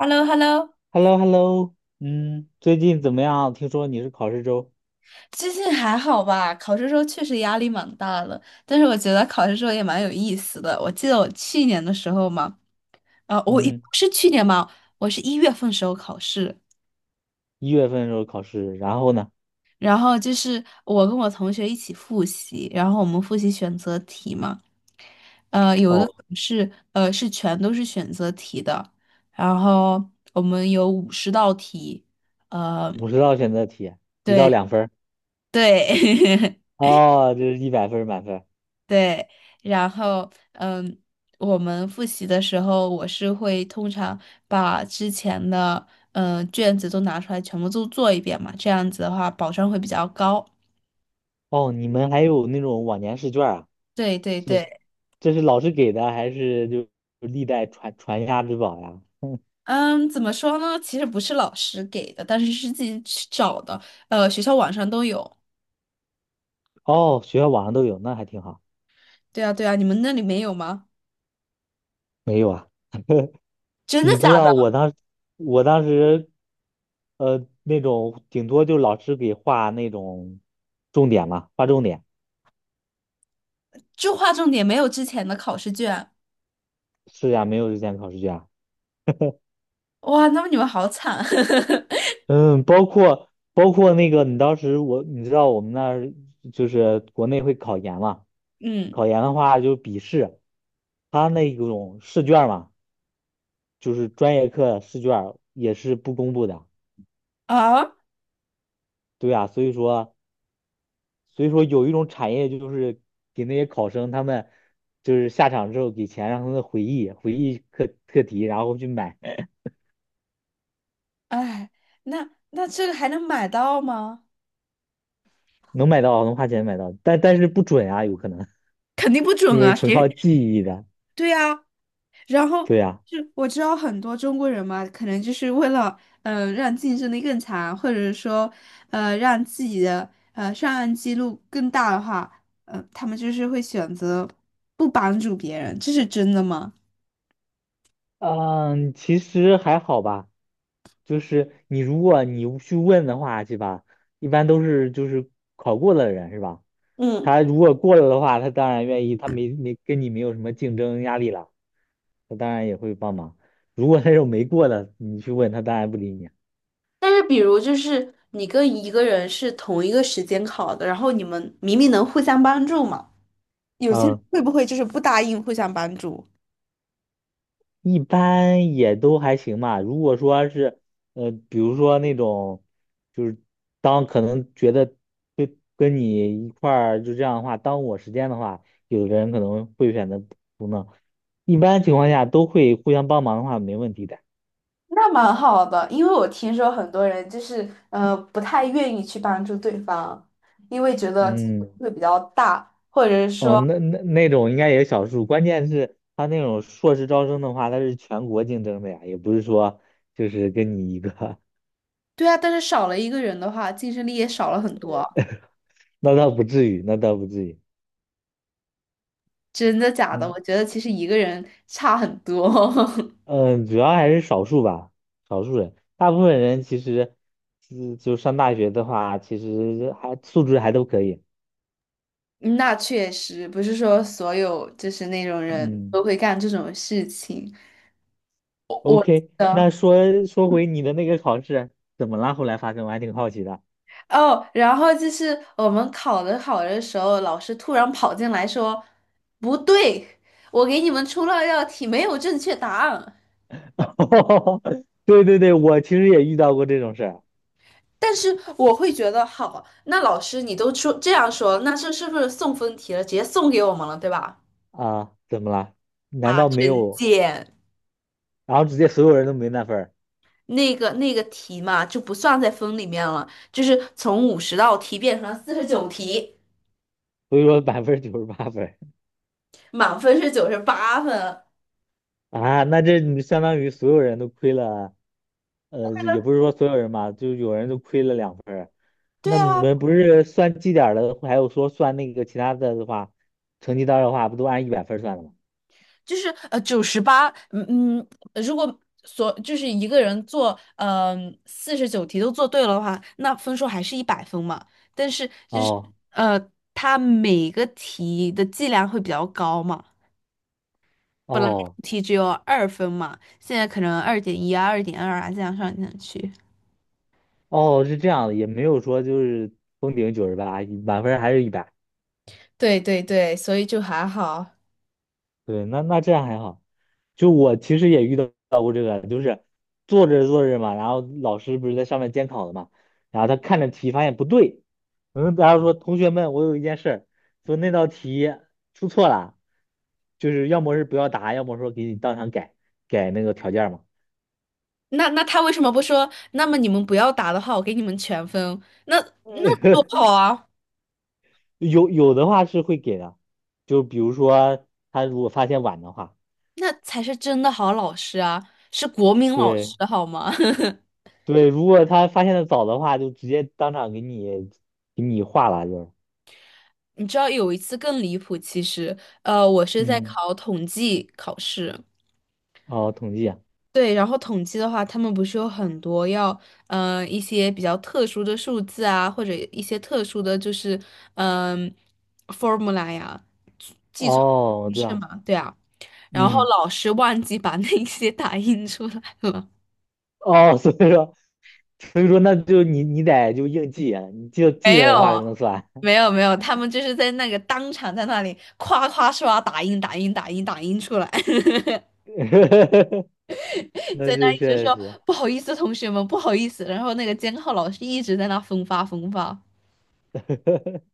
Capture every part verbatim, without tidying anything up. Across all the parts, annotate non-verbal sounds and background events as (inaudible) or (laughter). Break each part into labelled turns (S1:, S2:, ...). S1: h e l l o h e l l o
S2: h e l l o h e l l o 嗯，最近怎么样？听说你是考试周。
S1: 最近还好吧？考试时候确实压力蛮大的，但是我觉得考试时候也蛮有意思的。我记得我去年的时候嘛，呃，我一
S2: 嗯，
S1: 是去年嘛，我是一月份时候考试，
S2: 一月份的时候考试，然后呢？
S1: 然后就是我跟我同学一起复习，然后我们复习选择题嘛，呃，有
S2: 哦，
S1: 的是呃是全都是选择题的，然后我们有五十道题，呃，
S2: 五十道选择题，一到
S1: 对
S2: 两分儿，
S1: 对。(laughs)
S2: 哦，这是一百分儿满分儿。
S1: 对，然后嗯，我们复习的时候，我是会通常把之前的嗯卷子都拿出来，全部都做一遍嘛，这样子的话保障会比较高。
S2: 哦，你们还有那种往年试卷儿啊？
S1: 对对
S2: 是，
S1: 对，
S2: 这是老师给的，还是就历代传传家之宝呀？(laughs) 嗯。
S1: 嗯，怎么说呢？其实不是老师给的，但是是自己去找的，呃，学校网上都有。
S2: 哦，学校网上都有，那还挺好。
S1: 对啊对啊，你们那里没有吗？
S2: 没有啊？
S1: 真的
S2: 你知
S1: 假的？
S2: 道我当，我当时，呃，那种顶多就老师给画那种重点嘛，画重点。
S1: 就划重点，没有之前的考试卷。
S2: 是呀，没有日间考试卷啊。
S1: 哇，那么你们好惨。(laughs)
S2: 嗯，包括包括那个，你当时我你知道我们那儿就是国内会考研嘛，
S1: 嗯
S2: 考研的话就是笔试，他那种试卷嘛，就是专业课试卷也是不公布的。
S1: 啊。
S2: 对呀，所以说所以说有一种产业就是给那些考生他们就是下场之后给钱让他们回忆回忆课课题，然后去买。
S1: 哎，那那这个还能买到吗？
S2: 能买到能花钱买到，但但是不准啊，有可能
S1: 肯定不准
S2: 因为是
S1: 啊，
S2: 纯
S1: 谁
S2: 靠记忆的。
S1: (laughs)？对啊，然后
S2: 对呀。
S1: 就我知道很多中国人嘛，可能就是为了嗯、呃让竞争力更强，或者是说呃让自己的呃上岸记录更大的话，嗯、呃他们就是会选择不帮助别人，这是真的吗？
S2: 嗯，其实还好吧，就是你如果你去问的话，是吧？一般都是就是考过的人，是吧？
S1: 嗯，
S2: 他如果过了的话，他当然愿意，他没没跟你没有什么竞争压力了，他当然也会帮忙。如果那种没过的，你去问他，当然不理你。
S1: 但是比如就是你跟一个人是同一个时间考的，然后你们明明能互相帮助嘛。有些人会不会就是不答应互相帮助？
S2: 一般也都还行吧。如果说是，呃，比如说那种，就是当可能觉得跟跟你一块儿就这样的话，耽误我时间的话，有的人可能会选择不弄。一般情况下都会互相帮忙的话，没问题的。
S1: 那蛮好的，因为我听说很多人就是呃不太愿意去帮助对方，因为觉得竞争
S2: 嗯，
S1: 会比较大。
S2: 哦，那那那种应该也是少数。关键是他那种硕士招生的话，他是全国竞争的呀，也不是说就是跟你一个。
S1: 对啊，但是少了一个人的话，竞争力也少了很多。
S2: (laughs) 那倒不至于，那倒不至于。
S1: 真的假的？
S2: 嗯。
S1: 我觉得其实一个人差很多。(laughs)
S2: 嗯，主要还是少数吧，少数人，大部分人其实，就就上大学的话，其实还素质还都可以。
S1: 那确实不是说所有就是那种人
S2: 嗯
S1: 都会干这种事情。我我记
S2: ，OK，那
S1: 得。
S2: 说说回你的那个考试，怎么了？后来发生，我还挺好奇的。
S1: 哦，然后就是我们考的好的时候，老师突然跑进来说：“不对，我给你们出了道题，没有正确答案。”
S2: (laughs) 对对对，我其实也遇到过这种事儿。
S1: 但是我会觉得，好，那老师你都出这样说，那这是不是送分题了？直接送给我们了，对吧？
S2: 啊，怎么了？难
S1: 啊，
S2: 道没
S1: 真
S2: 有？
S1: 贱！
S2: 然后直接所有人都没那分儿，
S1: 那个那个题嘛，就不算在分里面了，就是从五十道题变成了四十九题，
S2: 所以说百分之九十八分儿。
S1: 满分是九十八分。
S2: 啊，那这你相当于所有人都亏了。呃，也不是说所有人嘛，就有人就亏了两分儿。
S1: 对
S2: 那你
S1: 啊，
S2: 们不是算绩点儿的，还有说算那个其他的的话，成绩单儿的话，不都按一百分儿算的吗？
S1: 就是呃九十八，嗯嗯，如果所就是一个人做嗯四十九题都做对了的话，那分数还是一百分嘛。但是就是
S2: 哦
S1: 呃，他每个题的剂量会比较高嘛，
S2: 哦
S1: 题只有二分嘛，现在可能二点一啊、二点二啊这样上上去。
S2: 哦，是这样的，也没有说就是封顶九十八，满分儿还是一百。
S1: 对对对，所以就还好。
S2: 对，那那这样还好。就我其实也遇到过这个，就是做着做着嘛，然后老师不是在上面监考的嘛，然后他看着题发现不对。嗯，然后说同学们，我有一件事儿，说那道题出错了，就是要么是不要答，要么说给你当场改改那个条件嘛。
S1: 那那他为什么不说？那么你们不要答的话，我给你们全分。那那多
S2: (laughs)
S1: 好啊！
S2: 有有的话是会给的，就比如说他如果发现晚的话，
S1: 那才是真的好老师啊，是国民老
S2: 对
S1: 师好吗？(laughs)
S2: 对，如果他发现的早的话，就直接当场给你给你划了，就是
S1: 你知道有一次更离谱，其实，呃，我是在
S2: 嗯。
S1: 考统计考试，
S2: 哦，统计啊。
S1: 对，然后统计的话，他们不是有很多要，呃，一些比较特殊的数字啊，或者一些特殊的就是，嗯、formula 呀，计算
S2: 哦，我
S1: 公
S2: 知
S1: 式
S2: 道。
S1: 嘛，对啊，然后
S2: 嗯，
S1: 老师忘记把那些打印出来了，
S2: 哦，(laughs) 所以说，所以说，那就你你得就硬记啊你就
S1: (laughs)
S2: 记
S1: 没
S2: 得的话才
S1: 有。
S2: 能算。
S1: 没有没有，他们就是在那个当场在那里夸夸刷打印打印打印打印出来，(laughs)
S2: (laughs) 那
S1: 在那
S2: 这
S1: 一直
S2: 确
S1: 说
S2: 实
S1: 不好意思，同学们不好意思，然后那个监考老师一直在那分发分发。
S2: (laughs)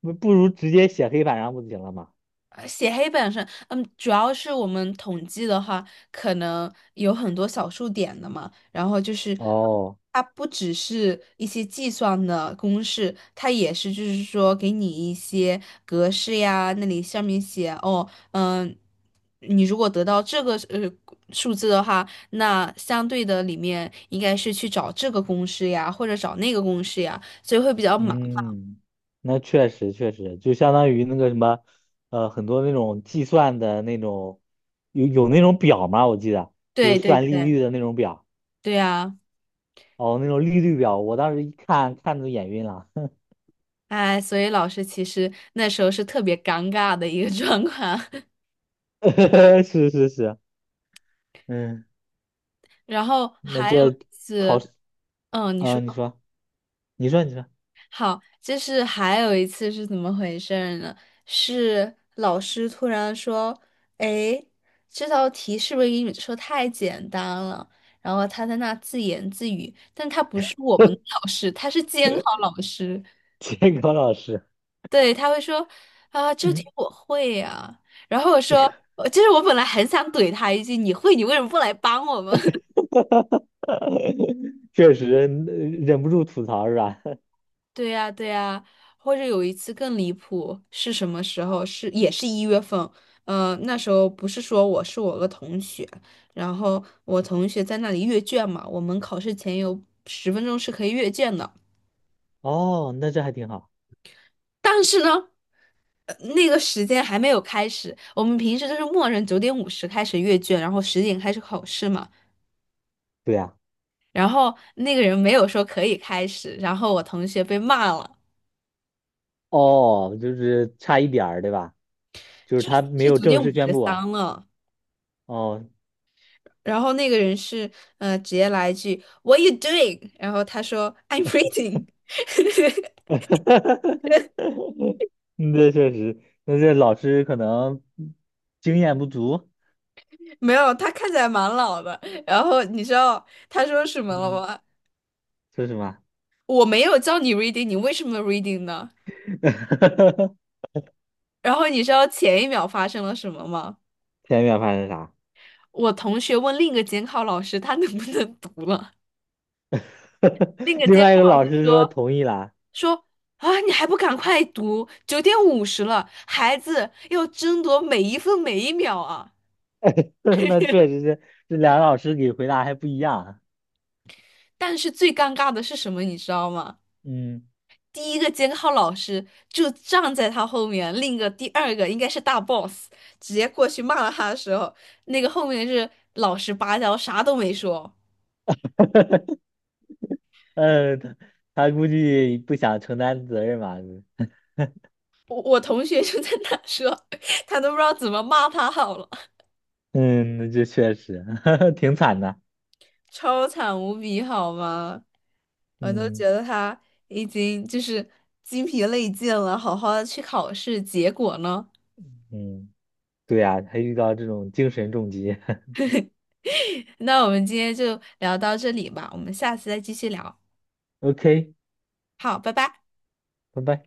S2: 不不如直接写黑板上不就行了吗？
S1: 呃写黑板上，嗯，主要是我们统计的话，可能有很多小数点的嘛，然后就是
S2: 哦，
S1: 它不只是一些计算的公式，它也是就是说给你一些格式呀，那里上面写哦，嗯，你如果得到这个呃数字的话，那相对的里面应该是去找这个公式呀，或者找那个公式呀，所以会比较麻烦。
S2: 嗯，那确实确实，就相当于那个什么，呃，很多那种计算的那种，有有那种表吗？我记得就是
S1: 对对
S2: 算利
S1: 对，
S2: 率的那种表。
S1: 对呀。
S2: 哦，那种利率表，我当时一看看都眼晕了。
S1: 哎，所以老师其实那时候是特别尴尬的一个 (laughs) 状况。(laughs)
S2: (laughs) 是是是。嗯，
S1: 然后
S2: 那
S1: 还有
S2: 这
S1: 一
S2: 考
S1: 次，
S2: 试。
S1: 嗯，你
S2: 啊，
S1: 说
S2: 你说，你说，你说。
S1: 好，就是还有一次是怎么回事儿呢？是老师突然说：“哎，这道题是不是英语说太简单了？”然后他在那自言自语，但他不是我们的
S2: (laughs)
S1: 老师，他是监考老师。
S2: 监考老师，
S1: 对，他会说啊，这题
S2: 嗯，
S1: 我会呀、然后我说，我其实我本来很想怼他一句，你会，你为什么不来帮我们？(laughs)
S2: (laughs) 确实。嗯，忍不住吐槽是吧？
S1: 对呀，对呀。或者有一次更离谱，是什么时候？是也是一月份。呃，那时候不是说我是我个同学，然后我同学在那里阅卷嘛，我们考试前有十分钟是可以阅卷的。
S2: (laughs) 哦，那这还挺好。
S1: 但是呢，呃那个时间还没有开始，我们平时就是默认九点五十开始阅卷，然后十点开始考试嘛。
S2: 对呀。
S1: 然后那个人没有说可以开始，然后我同学被骂了，
S2: 哦，就是差一点儿，对吧？就是
S1: 就
S2: 他没
S1: 是
S2: 有
S1: 九
S2: 正
S1: 点五
S2: 式宣
S1: 十
S2: 布啊。
S1: 三了。
S2: 哦，
S1: 然后那个人是呃直接来一句 "What are you doing？" 然后他说 "I'm reading
S2: (laughs) 嗯，这确实，那这老师可能经验不足。
S1: (laughs) 没有，他看起来蛮老的。然后你知道他说什么了
S2: 嗯，
S1: 吗？
S2: 说什么？
S1: 我没有叫你 reading，你为什么 reading 呢？
S2: (laughs)
S1: 然后你知道前一秒发生了什么吗？
S2: 田园发生啥？
S1: 我同学问另一个监考老师他能不能读了，另
S2: (laughs)
S1: 一个
S2: 另
S1: 监
S2: 外一个
S1: 考老
S2: 老
S1: 师
S2: 师说
S1: 说。
S2: 同意啦。
S1: 说啊，你还不赶快读，九点五十了，孩子要争夺每一分每一秒啊！
S2: (laughs) 那确实是，这两个老师给回答还不一样。
S1: 但是最尴尬的是什么，你知道吗？
S2: 嗯，
S1: 第一个监考老师就站在他后面，另一个第二个应该是大 boss，直接过去骂了他的时候，那个后面是老实巴交，啥都没说。
S2: 呃，(laughs) 他他估计不想承担责任吧。(laughs)
S1: 我我同学就在那说，(laughs) 他都不知道怎么骂他好了。
S2: 嗯，那这确实 (laughs) 挺惨的。
S1: 超惨无比，好吗？我都觉
S2: 嗯
S1: 得他已经就是精疲力尽了，好好的去考试，结果呢？
S2: 嗯，对呀，他遇到这种精神重击。(laughs)
S1: (laughs) 那我们今天就聊到这里吧，我们下次再继续聊。
S2: OK，
S1: 好，拜拜。
S2: 拜拜。